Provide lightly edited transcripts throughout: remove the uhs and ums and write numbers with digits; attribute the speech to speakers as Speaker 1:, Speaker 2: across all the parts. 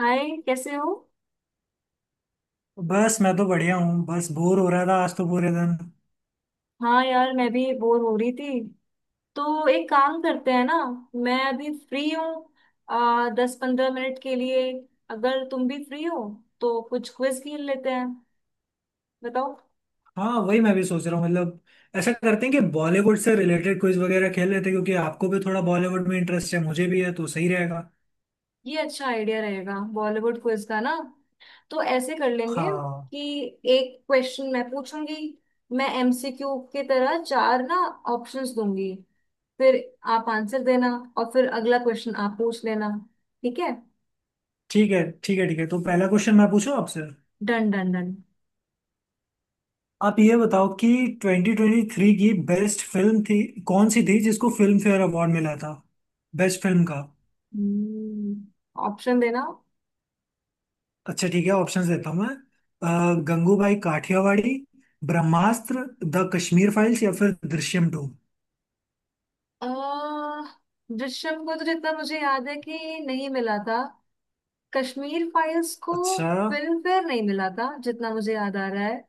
Speaker 1: हाय, कैसे हो।
Speaker 2: तो बस मैं तो बढ़िया हूँ। बस बोर हो रहा था आज तो पूरे दिन।
Speaker 1: हाँ यार, मैं भी बोर हो रही थी। तो एक काम करते हैं ना, मैं अभी फ्री हूँ आ 10 15 मिनट के लिए, अगर तुम भी फ्री हो तो कुछ क्विज खेल लेते हैं। बताओ।
Speaker 2: हाँ वही मैं भी सोच रहा हूँ। मतलब ऐसा करते हैं कि बॉलीवुड से रिलेटेड क्विज वगैरह खेल लेते हैं, क्योंकि आपको भी थोड़ा बॉलीवुड में इंटरेस्ट है, मुझे भी है तो सही रहेगा।
Speaker 1: ये अच्छा आइडिया रहेगा बॉलीवुड क्विज का ना। तो ऐसे कर लेंगे
Speaker 2: हाँ,
Speaker 1: कि एक क्वेश्चन मैं पूछूंगी, मैं एमसीक्यू के तरह चार ना ऑप्शंस दूंगी, फिर आप आंसर देना और फिर अगला क्वेश्चन आप पूछ लेना। ठीक है।
Speaker 2: ठीक है ठीक है ठीक है, तो पहला क्वेश्चन मैं पूछूं आपसे।
Speaker 1: Done done done.
Speaker 2: आप ये बताओ कि 2023 की बेस्ट फिल्म थी कौन सी थी, जिसको फिल्म फेयर अवार्ड मिला था बेस्ट फिल्म का?
Speaker 1: हम्म, ऑप्शन देना।
Speaker 2: अच्छा ठीक है, ऑप्शंस देता हूँ मैं। गंगूबाई काठियावाड़ी, ब्रह्मास्त्र, द कश्मीर फाइल्स, या फिर दृश्यम टू।
Speaker 1: अ दृश्यम को तो जितना मुझे याद है कि नहीं मिला था, कश्मीर फाइल्स को।
Speaker 2: अच्छा।
Speaker 1: फिल्म फेयर नहीं मिला था, जितना मुझे याद आ रहा है।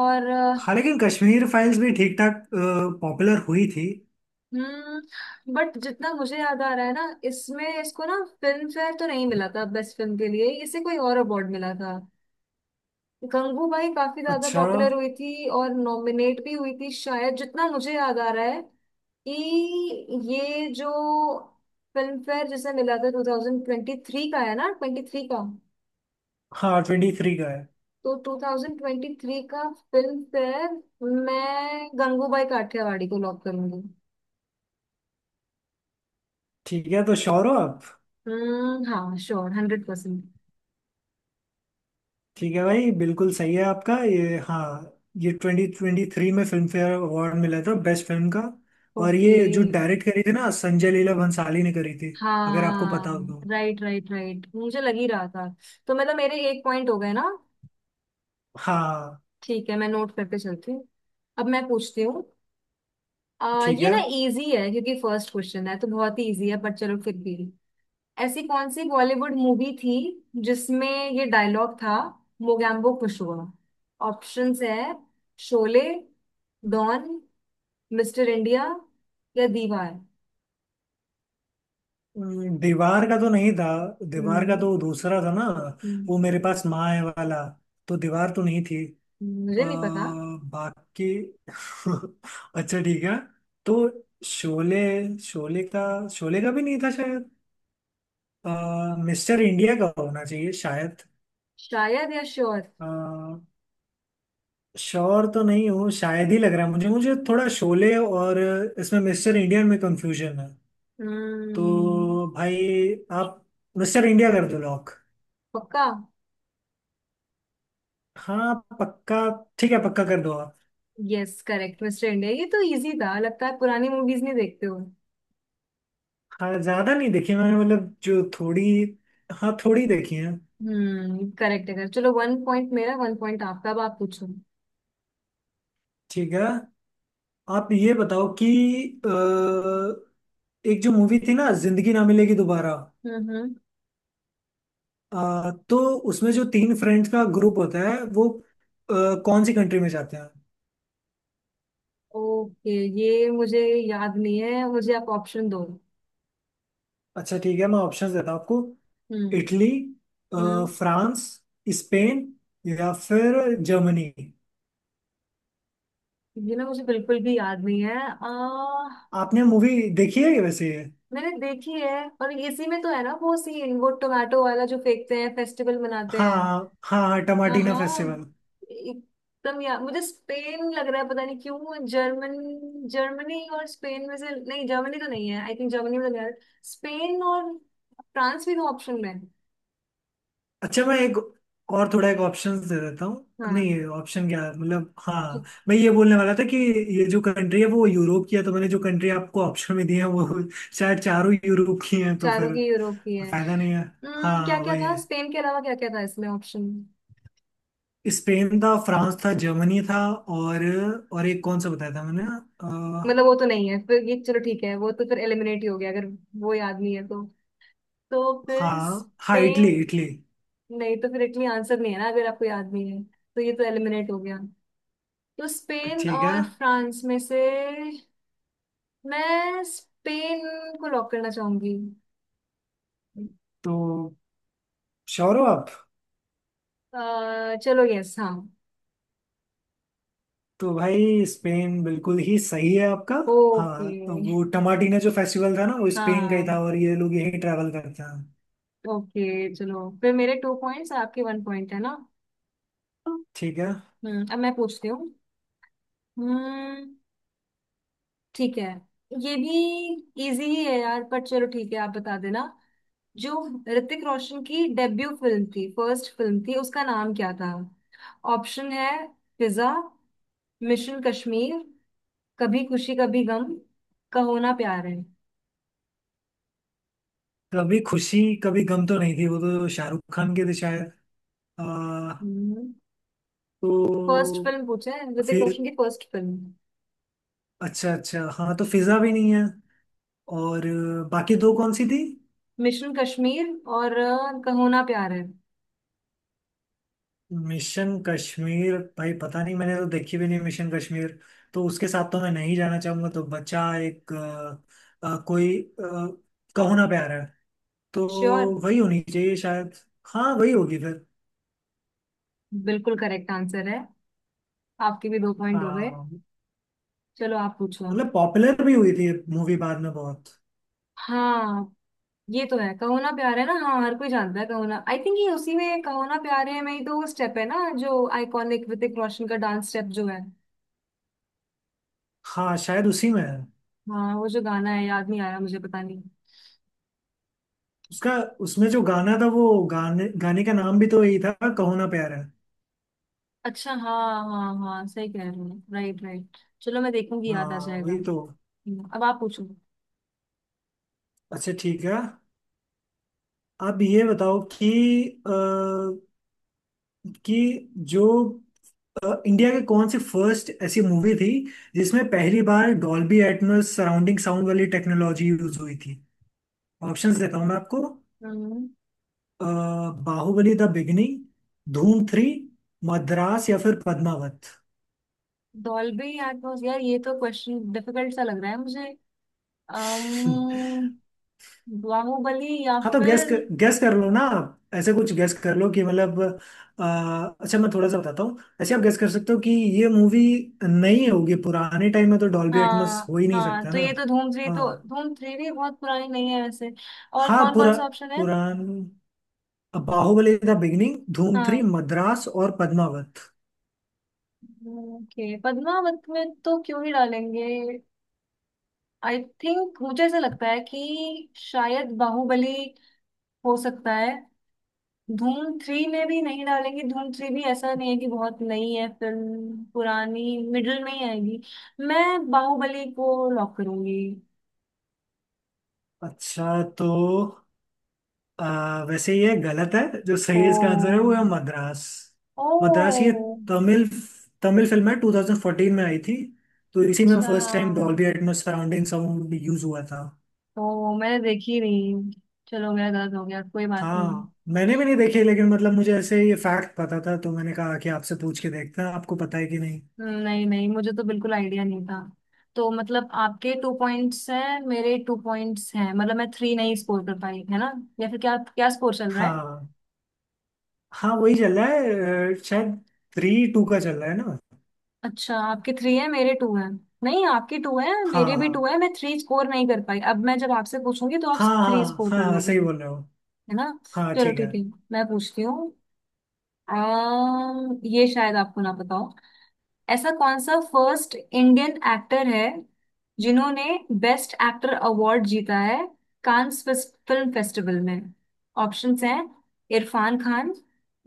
Speaker 1: और।
Speaker 2: हाँ, लेकिन कश्मीर फाइल्स भी ठीक ठाक पॉपुलर हुई थी।
Speaker 1: बट जितना मुझे याद आ रहा है ना, इसमें इसको ना फिल्म फेयर तो नहीं मिला था बेस्ट फिल्म के लिए, इसे कोई और अवार्ड मिला था। गंगूबाई काफी ज्यादा
Speaker 2: अच्छा।
Speaker 1: पॉपुलर हुई थी और नॉमिनेट भी हुई थी शायद, जितना मुझे याद आ रहा है कि ये जो फिल्म फेयर जिसे मिला था, 2023 का है ना, 23 का।
Speaker 2: हाँ, 23 का है।
Speaker 1: तो 2023 का फिल्म फेयर, मैं गंगूबाई काठियावाड़ी को लॉक करूंगी।
Speaker 2: ठीक है, तो श्योर हो आप?
Speaker 1: हम्म, हाँ श्योर, 100%।
Speaker 2: ठीक है भाई, बिल्कुल सही है आपका ये। हाँ, ये 2023 में फिल्म फेयर अवार्ड मिला था बेस्ट फिल्म का। और
Speaker 1: ओके।
Speaker 2: ये जो डायरेक्ट करी थी ना, संजय लीला भंसाली ने करी थी, अगर आपको पता हो
Speaker 1: हाँ
Speaker 2: तो।
Speaker 1: राइट राइट राइट, मुझे लग ही रहा था। तो मतलब मेरे एक पॉइंट हो गए ना।
Speaker 2: हाँ,
Speaker 1: ठीक है, मैं नोट करके चलती हूँ। अब मैं पूछती हूँ।
Speaker 2: ठीक
Speaker 1: ये
Speaker 2: है।
Speaker 1: ना इजी है, क्योंकि फर्स्ट क्वेश्चन है तो बहुत ही इजी है, पर चलो फिर भी। ऐसी कौन सी बॉलीवुड मूवी थी जिसमें ये डायलॉग था, मोगैम्बो खुश हुआ। ऑप्शंस है, शोले, डॉन, मिस्टर इंडिया या दीवार।
Speaker 2: दीवार का तो नहीं था। दीवार का
Speaker 1: हम्म।
Speaker 2: तो दूसरा था ना, वो
Speaker 1: हम्म।
Speaker 2: मेरे पास माँ है वाला। तो दीवार तो नहीं थी। अ,
Speaker 1: मुझे नहीं पता।
Speaker 2: बाकी अच्छा ठीक है, तो शोले शोले का शोले का भी नहीं था शायद। मिस्टर इंडिया का होना चाहिए शायद।
Speaker 1: शायद या श्योर।
Speaker 2: अ, श्योर तो नहीं हूँ, शायद ही लग रहा है मुझे। मुझे थोड़ा शोले और इसमें मिस्टर इंडियन में कंफ्यूजन है।
Speaker 1: हम्म।
Speaker 2: तो भाई, आप मिस्टर इंडिया कर दो लॉक।
Speaker 1: पक्का।
Speaker 2: हाँ पक्का। ठीक है, पक्का कर दो आप।
Speaker 1: यस, करेक्ट मिस्टर इंडिया, ये तो इजी था, लगता है पुरानी मूवीज नहीं देखते हो।
Speaker 2: हाँ, ज्यादा नहीं देखी मैंने, मतलब जो थोड़ी, हाँ थोड़ी देखी है।
Speaker 1: हम्म, करेक्ट है correct। चलो, वन पॉइंट मेरा वन पॉइंट आपका, अब आप पूछो।
Speaker 2: ठीक है। आप ये बताओ कि अ, एक जो मूवी थी ना, जिंदगी ना मिलेगी दोबारा,
Speaker 1: हम्म। हम्म।
Speaker 2: तो उसमें जो तीन फ्रेंड्स का ग्रुप होता है वो अ, कौन सी कंट्री में जाते हैं?
Speaker 1: ओके, ये मुझे याद नहीं है, मुझे आप ऑप्शन दो।
Speaker 2: अच्छा ठीक है, मैं ऑप्शंस देता हूँ आपको।
Speaker 1: हम्म।
Speaker 2: इटली,
Speaker 1: हम्म।
Speaker 2: फ्रांस, स्पेन, या फिर जर्मनी।
Speaker 1: ये ना मुझे बिल्कुल भी याद नहीं है।
Speaker 2: आपने मूवी देखी है वैसे ये?
Speaker 1: मैंने देखी है, और इसी में तो है ना वो सीन, वो टोमेटो वाला जो फेंकते हैं, फेस्टिवल मनाते
Speaker 2: हाँ
Speaker 1: हैं।
Speaker 2: हाँ हाँ,
Speaker 1: हाँ
Speaker 2: टमाटीना
Speaker 1: हाँ,
Speaker 2: फेस्टिवल।
Speaker 1: एकदम यार मुझे स्पेन लग रहा है, पता नहीं क्यों। जर्मनी और स्पेन में से, नहीं जर्मनी तो नहीं है आई थिंक, जर्मनी में तो नहीं है। स्पेन और फ्रांस भी तो ऑप्शन में है।
Speaker 2: अच्छा, मैं एक और थोड़ा एक ऑप्शंस दे देता हूँ,
Speaker 1: हाँ,
Speaker 2: नहीं ऑप्शन क्या है मतलब हाँ। मैं ये बोलने वाला था कि ये जो कंट्री है वो यूरोप की है, तो मैंने जो कंट्री आपको ऑप्शन में दी है वो शायद चारों यूरोप की है, तो
Speaker 1: चारों
Speaker 2: फिर
Speaker 1: की यूरोप की है।
Speaker 2: फायदा नहीं है।
Speaker 1: क्या
Speaker 2: हाँ
Speaker 1: क्या
Speaker 2: वही
Speaker 1: था
Speaker 2: है,
Speaker 1: स्पेन के अलावा, क्या क्या था इसमें ऑप्शन।
Speaker 2: स्पेन था, फ्रांस था, जर्मनी था, और और एक कौन सा बताया था मैंने,
Speaker 1: मतलब वो तो नहीं है फिर ये, चलो ठीक है, वो तो फिर एलिमिनेट ही हो गया, अगर वो याद नहीं है तो। तो फिर
Speaker 2: हाँ हाँ, इटली
Speaker 1: स्पेन,
Speaker 2: इटली।
Speaker 1: नहीं तो फिर इटली आंसर नहीं है ना, अगर आपको याद नहीं है तो ये तो एलिमिनेट हो गया। तो स्पेन
Speaker 2: ठीक है,
Speaker 1: और फ्रांस में से मैं स्पेन को लॉक करना चाहूंगी।
Speaker 2: तो श्योर हो आप?
Speaker 1: चलो यस, हाँ।
Speaker 2: तो भाई स्पेन बिल्कुल ही सही है आपका।
Speaker 1: ओके।
Speaker 2: हाँ, तो वो टमाटीना जो फेस्टिवल था ना, वो स्पेन का ही था,
Speaker 1: हाँ।
Speaker 2: और ये लोग यही ट्रैवल करते हैं।
Speaker 1: ओके चलो, फिर मेरे टू पॉइंट्स आपके वन पॉइंट, है ना।
Speaker 2: ठीक है।
Speaker 1: अब मैं पूछती हूँ। हम्म। ठीक है। ये भी इजी ही है यार, पर चलो ठीक है, आप बता देना। जो ऋतिक रोशन की डेब्यू फिल्म थी, फर्स्ट फिल्म थी, उसका नाम क्या था। ऑप्शन है, फिजा, मिशन कश्मीर, कभी खुशी कभी गम, का होना प्यार है।
Speaker 2: कभी खुशी कभी गम तो नहीं थी, वो तो शाहरुख खान के थे शायद। आ,
Speaker 1: फर्स्ट
Speaker 2: तो
Speaker 1: फिल्म पूछे, ऋतिक
Speaker 2: फिर
Speaker 1: रोशन की फर्स्ट फिल्म।
Speaker 2: अच्छा अच्छा, हाँ तो फिजा भी नहीं है। और बाकी दो कौन सी थी?
Speaker 1: मिशन कश्मीर और का होना प्यार है।
Speaker 2: मिशन कश्मीर, भाई पता नहीं, मैंने तो देखी भी नहीं मिशन कश्मीर, तो उसके साथ तो मैं नहीं जाना चाहूंगा, तो बचा एक कोई आ, कहो ना प्यार है।
Speaker 1: श्योर।
Speaker 2: तो वही होनी चाहिए शायद। हाँ वही होगी फिर।
Speaker 1: बिल्कुल करेक्ट आंसर है, आपके भी दो पॉइंट हो गए।
Speaker 2: हाँ,
Speaker 1: चलो आप पूछो अब।
Speaker 2: मतलब पॉपुलर भी हुई थी मूवी बाद में बहुत।
Speaker 1: हाँ, ये तो है कहो ना प्यार है ना, हाँ हर कोई जानता है कहो ना। आई थिंक ये उसी में कहो ना प्यार है में ही तो वो स्टेप है ना, जो आइकॉनिक ऋतिक रोशन का डांस स्टेप जो है।
Speaker 2: हाँ, शायद उसी में है।
Speaker 1: हाँ, वो जो गाना है याद नहीं आ रहा मुझे, पता नहीं।
Speaker 2: उसका उसमें जो गाना था, वो गाने गाने का नाम भी तो यही था, कहो ना प्यार है।
Speaker 1: अच्छा हाँ हाँ हाँ, सही कह रहे हो। Right right. चलो, मैं देखूंगी याद आ
Speaker 2: हाँ
Speaker 1: जाएगा।
Speaker 2: वही तो।
Speaker 1: अब आप पूछो।
Speaker 2: अच्छा ठीक है, आप ये बताओ कि जो इंडिया के कौन सी फर्स्ट ऐसी मूवी थी जिसमें पहली बार डॉल्बी एटमॉस सराउंडिंग साउंड वाली टेक्नोलॉजी यूज हुई थी? ऑप्शंस देता हूँ मैं आपको।
Speaker 1: हम्म।
Speaker 2: अ, बाहुबली द बिगिनिंग, धूम 3, मद्रास, या फिर पद्मावत।
Speaker 1: डॉल्बी एटमॉस, यार ये तो क्वेश्चन डिफिकल्ट सा लग रहा है मुझे। अम्म बाहुबली या
Speaker 2: हाँ, तो
Speaker 1: फिर।
Speaker 2: गैस कर लो ना आप, ऐसे कुछ गैस कर लो कि मतलब अच्छा मैं थोड़ा सा बताता हूँ, ऐसे आप गैस कर सकते हो कि ये मूवी नहीं होगी, पुराने टाइम में तो डॉल्बी एटमॉस
Speaker 1: हाँ
Speaker 2: हो ही नहीं
Speaker 1: हाँ,
Speaker 2: सकता
Speaker 1: तो
Speaker 2: ना।
Speaker 1: ये तो धूम थ्री, तो
Speaker 2: हाँ
Speaker 1: धूम थ्री भी बहुत पुरानी नहीं है वैसे। और
Speaker 2: हाँ,
Speaker 1: कौन कौन
Speaker 2: पुरा
Speaker 1: सा ऑप्शन है।
Speaker 2: पुरान अब बाहुबली द बिगिनिंग, धूम 3,
Speaker 1: हाँ।
Speaker 2: मद्रास और पद्मावत।
Speaker 1: ओके, पद्मावत में तो क्यों ही डालेंगे। आई थिंक मुझे ऐसा लगता है कि शायद बाहुबली, हो सकता है। धूम थ्री में भी नहीं डालेंगे, धूम थ्री भी ऐसा नहीं है कि बहुत नई है, फिल्म पुरानी मिडिल में ही आएगी। मैं बाहुबली को लॉक करूंगी।
Speaker 2: अच्छा। तो वैसे ये गलत है, जो सही इसका आंसर है
Speaker 1: ओ।
Speaker 2: वो है मद्रास।
Speaker 1: ओ।
Speaker 2: मद्रास ये तमिल तमिल फिल्म है 2014 में आई थी, तो इसी में
Speaker 1: अच्छा,
Speaker 2: first time Dolby Atmos surrounding sound use हुआ था।
Speaker 1: ओ मैंने देखी नहीं। चलो मेरा गलत हो गया, कोई बात नहीं।
Speaker 2: हाँ मैंने भी नहीं देखी, लेकिन मतलब मुझे ऐसे ये फैक्ट पता था, तो मैंने कहा कि आपसे पूछ के देखते हैं आपको पता है कि नहीं।
Speaker 1: नहीं नहीं मुझे तो बिल्कुल आइडिया नहीं था। तो मतलब आपके टू पॉइंट्स हैं, मेरे टू पॉइंट्स हैं, मतलब मैं थ्री नहीं स्कोर कर पाई, है ना। या फिर क्या क्या स्कोर चल रहा है।
Speaker 2: हाँ हाँ वही चल रहा है, शायद 3-2 का चल रहा है ना।
Speaker 1: अच्छा, आपके थ्री है मेरे टू हैं। नहीं, आपके टू है
Speaker 2: हाँ
Speaker 1: मेरे भी टू
Speaker 2: हाँ
Speaker 1: है, मैं थ्री स्कोर नहीं कर पाई, अब मैं जब आपसे पूछूंगी तो आप
Speaker 2: हाँ
Speaker 1: थ्री
Speaker 2: हाँ
Speaker 1: स्कोर कर
Speaker 2: हाँ हाँ,
Speaker 1: लोगी।
Speaker 2: सही बोल रहे हो।
Speaker 1: है ना।
Speaker 2: हाँ
Speaker 1: चलो
Speaker 2: ठीक है।
Speaker 1: ठीक है, मैं पूछती हूँ। ये शायद आपको ना पता हो। ऐसा कौन सा फर्स्ट इंडियन एक्टर है जिन्होंने बेस्ट एक्टर अवार्ड जीता है, कांस फिल्म फेस्टिवल में। ऑप्शंस हैं, इरफान खान,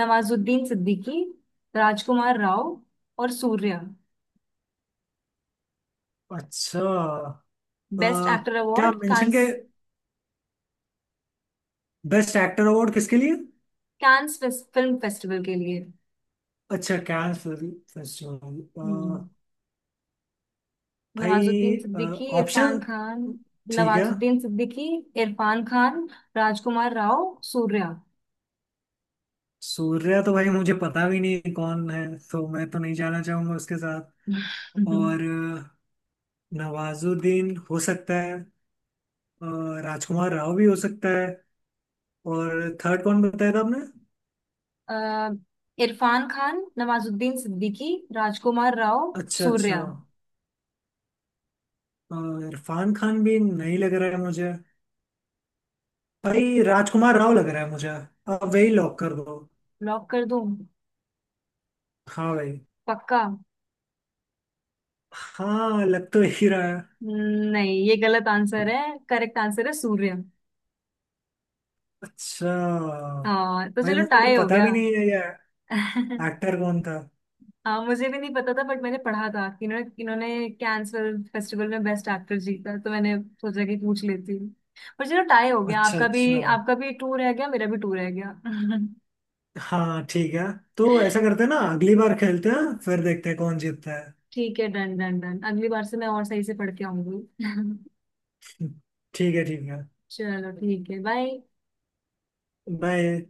Speaker 1: नवाजुद्दीन सिद्दीकी, राजकुमार राव और सूर्या।
Speaker 2: अच्छा। अ,
Speaker 1: बेस्ट एक्टर
Speaker 2: क्या
Speaker 1: अवार्ड
Speaker 2: मेंशन के
Speaker 1: कांस,
Speaker 2: बेस्ट एक्टर अवार्ड किसके लिए?
Speaker 1: कांस फिल्म फेस्टिवल के लिए।
Speaker 2: अच्छा, कैन फेस्टिवल।
Speaker 1: हम्म। नवाजुद्दीन
Speaker 2: भाई
Speaker 1: सिद्दीकी, इरफान
Speaker 2: ऑप्शन,
Speaker 1: खान।
Speaker 2: ठीक है।
Speaker 1: नवाजुद्दीन सिद्दीकी, इरफान खान, राजकुमार राव, सूर्या।
Speaker 2: सूर्या तो भाई मुझे पता भी नहीं कौन है, तो मैं तो नहीं जाना चाहूंगा उसके साथ। और अ, नवाजुद्दीन हो सकता है, अ, राजकुमार राव भी हो सकता है। और थर्ड कौन बताया था आपने?
Speaker 1: अ, इरफान खान, नवाजुद्दीन सिद्दीकी, राजकुमार राव,
Speaker 2: अच्छा अच्छा।
Speaker 1: सूर्या।
Speaker 2: अ, इरफान खान भी नहीं लग रहा है मुझे। भाई राजकुमार राव लग रहा है मुझे, अब वही लॉक कर दो।
Speaker 1: लॉक कर दूं,
Speaker 2: हाँ भाई।
Speaker 1: पक्का।
Speaker 2: हाँ, लग तो यही रहा है।
Speaker 1: नहीं, ये गलत आंसर है, करेक्ट आंसर है सूर्या।
Speaker 2: अच्छा।
Speaker 1: हाँ, तो
Speaker 2: भाई
Speaker 1: चलो
Speaker 2: मुझे तो
Speaker 1: टाई हो
Speaker 2: पता
Speaker 1: गया।
Speaker 2: भी नहीं है ये एक्टर कौन था।
Speaker 1: हाँ मुझे भी नहीं पता था, बट मैंने पढ़ा था कि इन्होंने इन्होंने कैंस फिल्म फेस्टिवल में बेस्ट एक्टर जीता, तो मैंने सोचा कि पूछ लेती हूँ। पर चलो टाई हो गया,
Speaker 2: अच्छा
Speaker 1: आपका
Speaker 2: अच्छा।
Speaker 1: भी आपका भी टू रह गया, मेरा भी टू रह गया।
Speaker 2: हाँ ठीक है, तो ऐसा करते हैं ना, अगली बार खेलते हैं फिर देखते हैं कौन जीतता है।
Speaker 1: ठीक है, डन डन डन, अगली बार से मैं और सही से पढ़ के आऊंगी।
Speaker 2: ठीक है ठीक है,
Speaker 1: चलो ठीक है, बाय।
Speaker 2: बाय।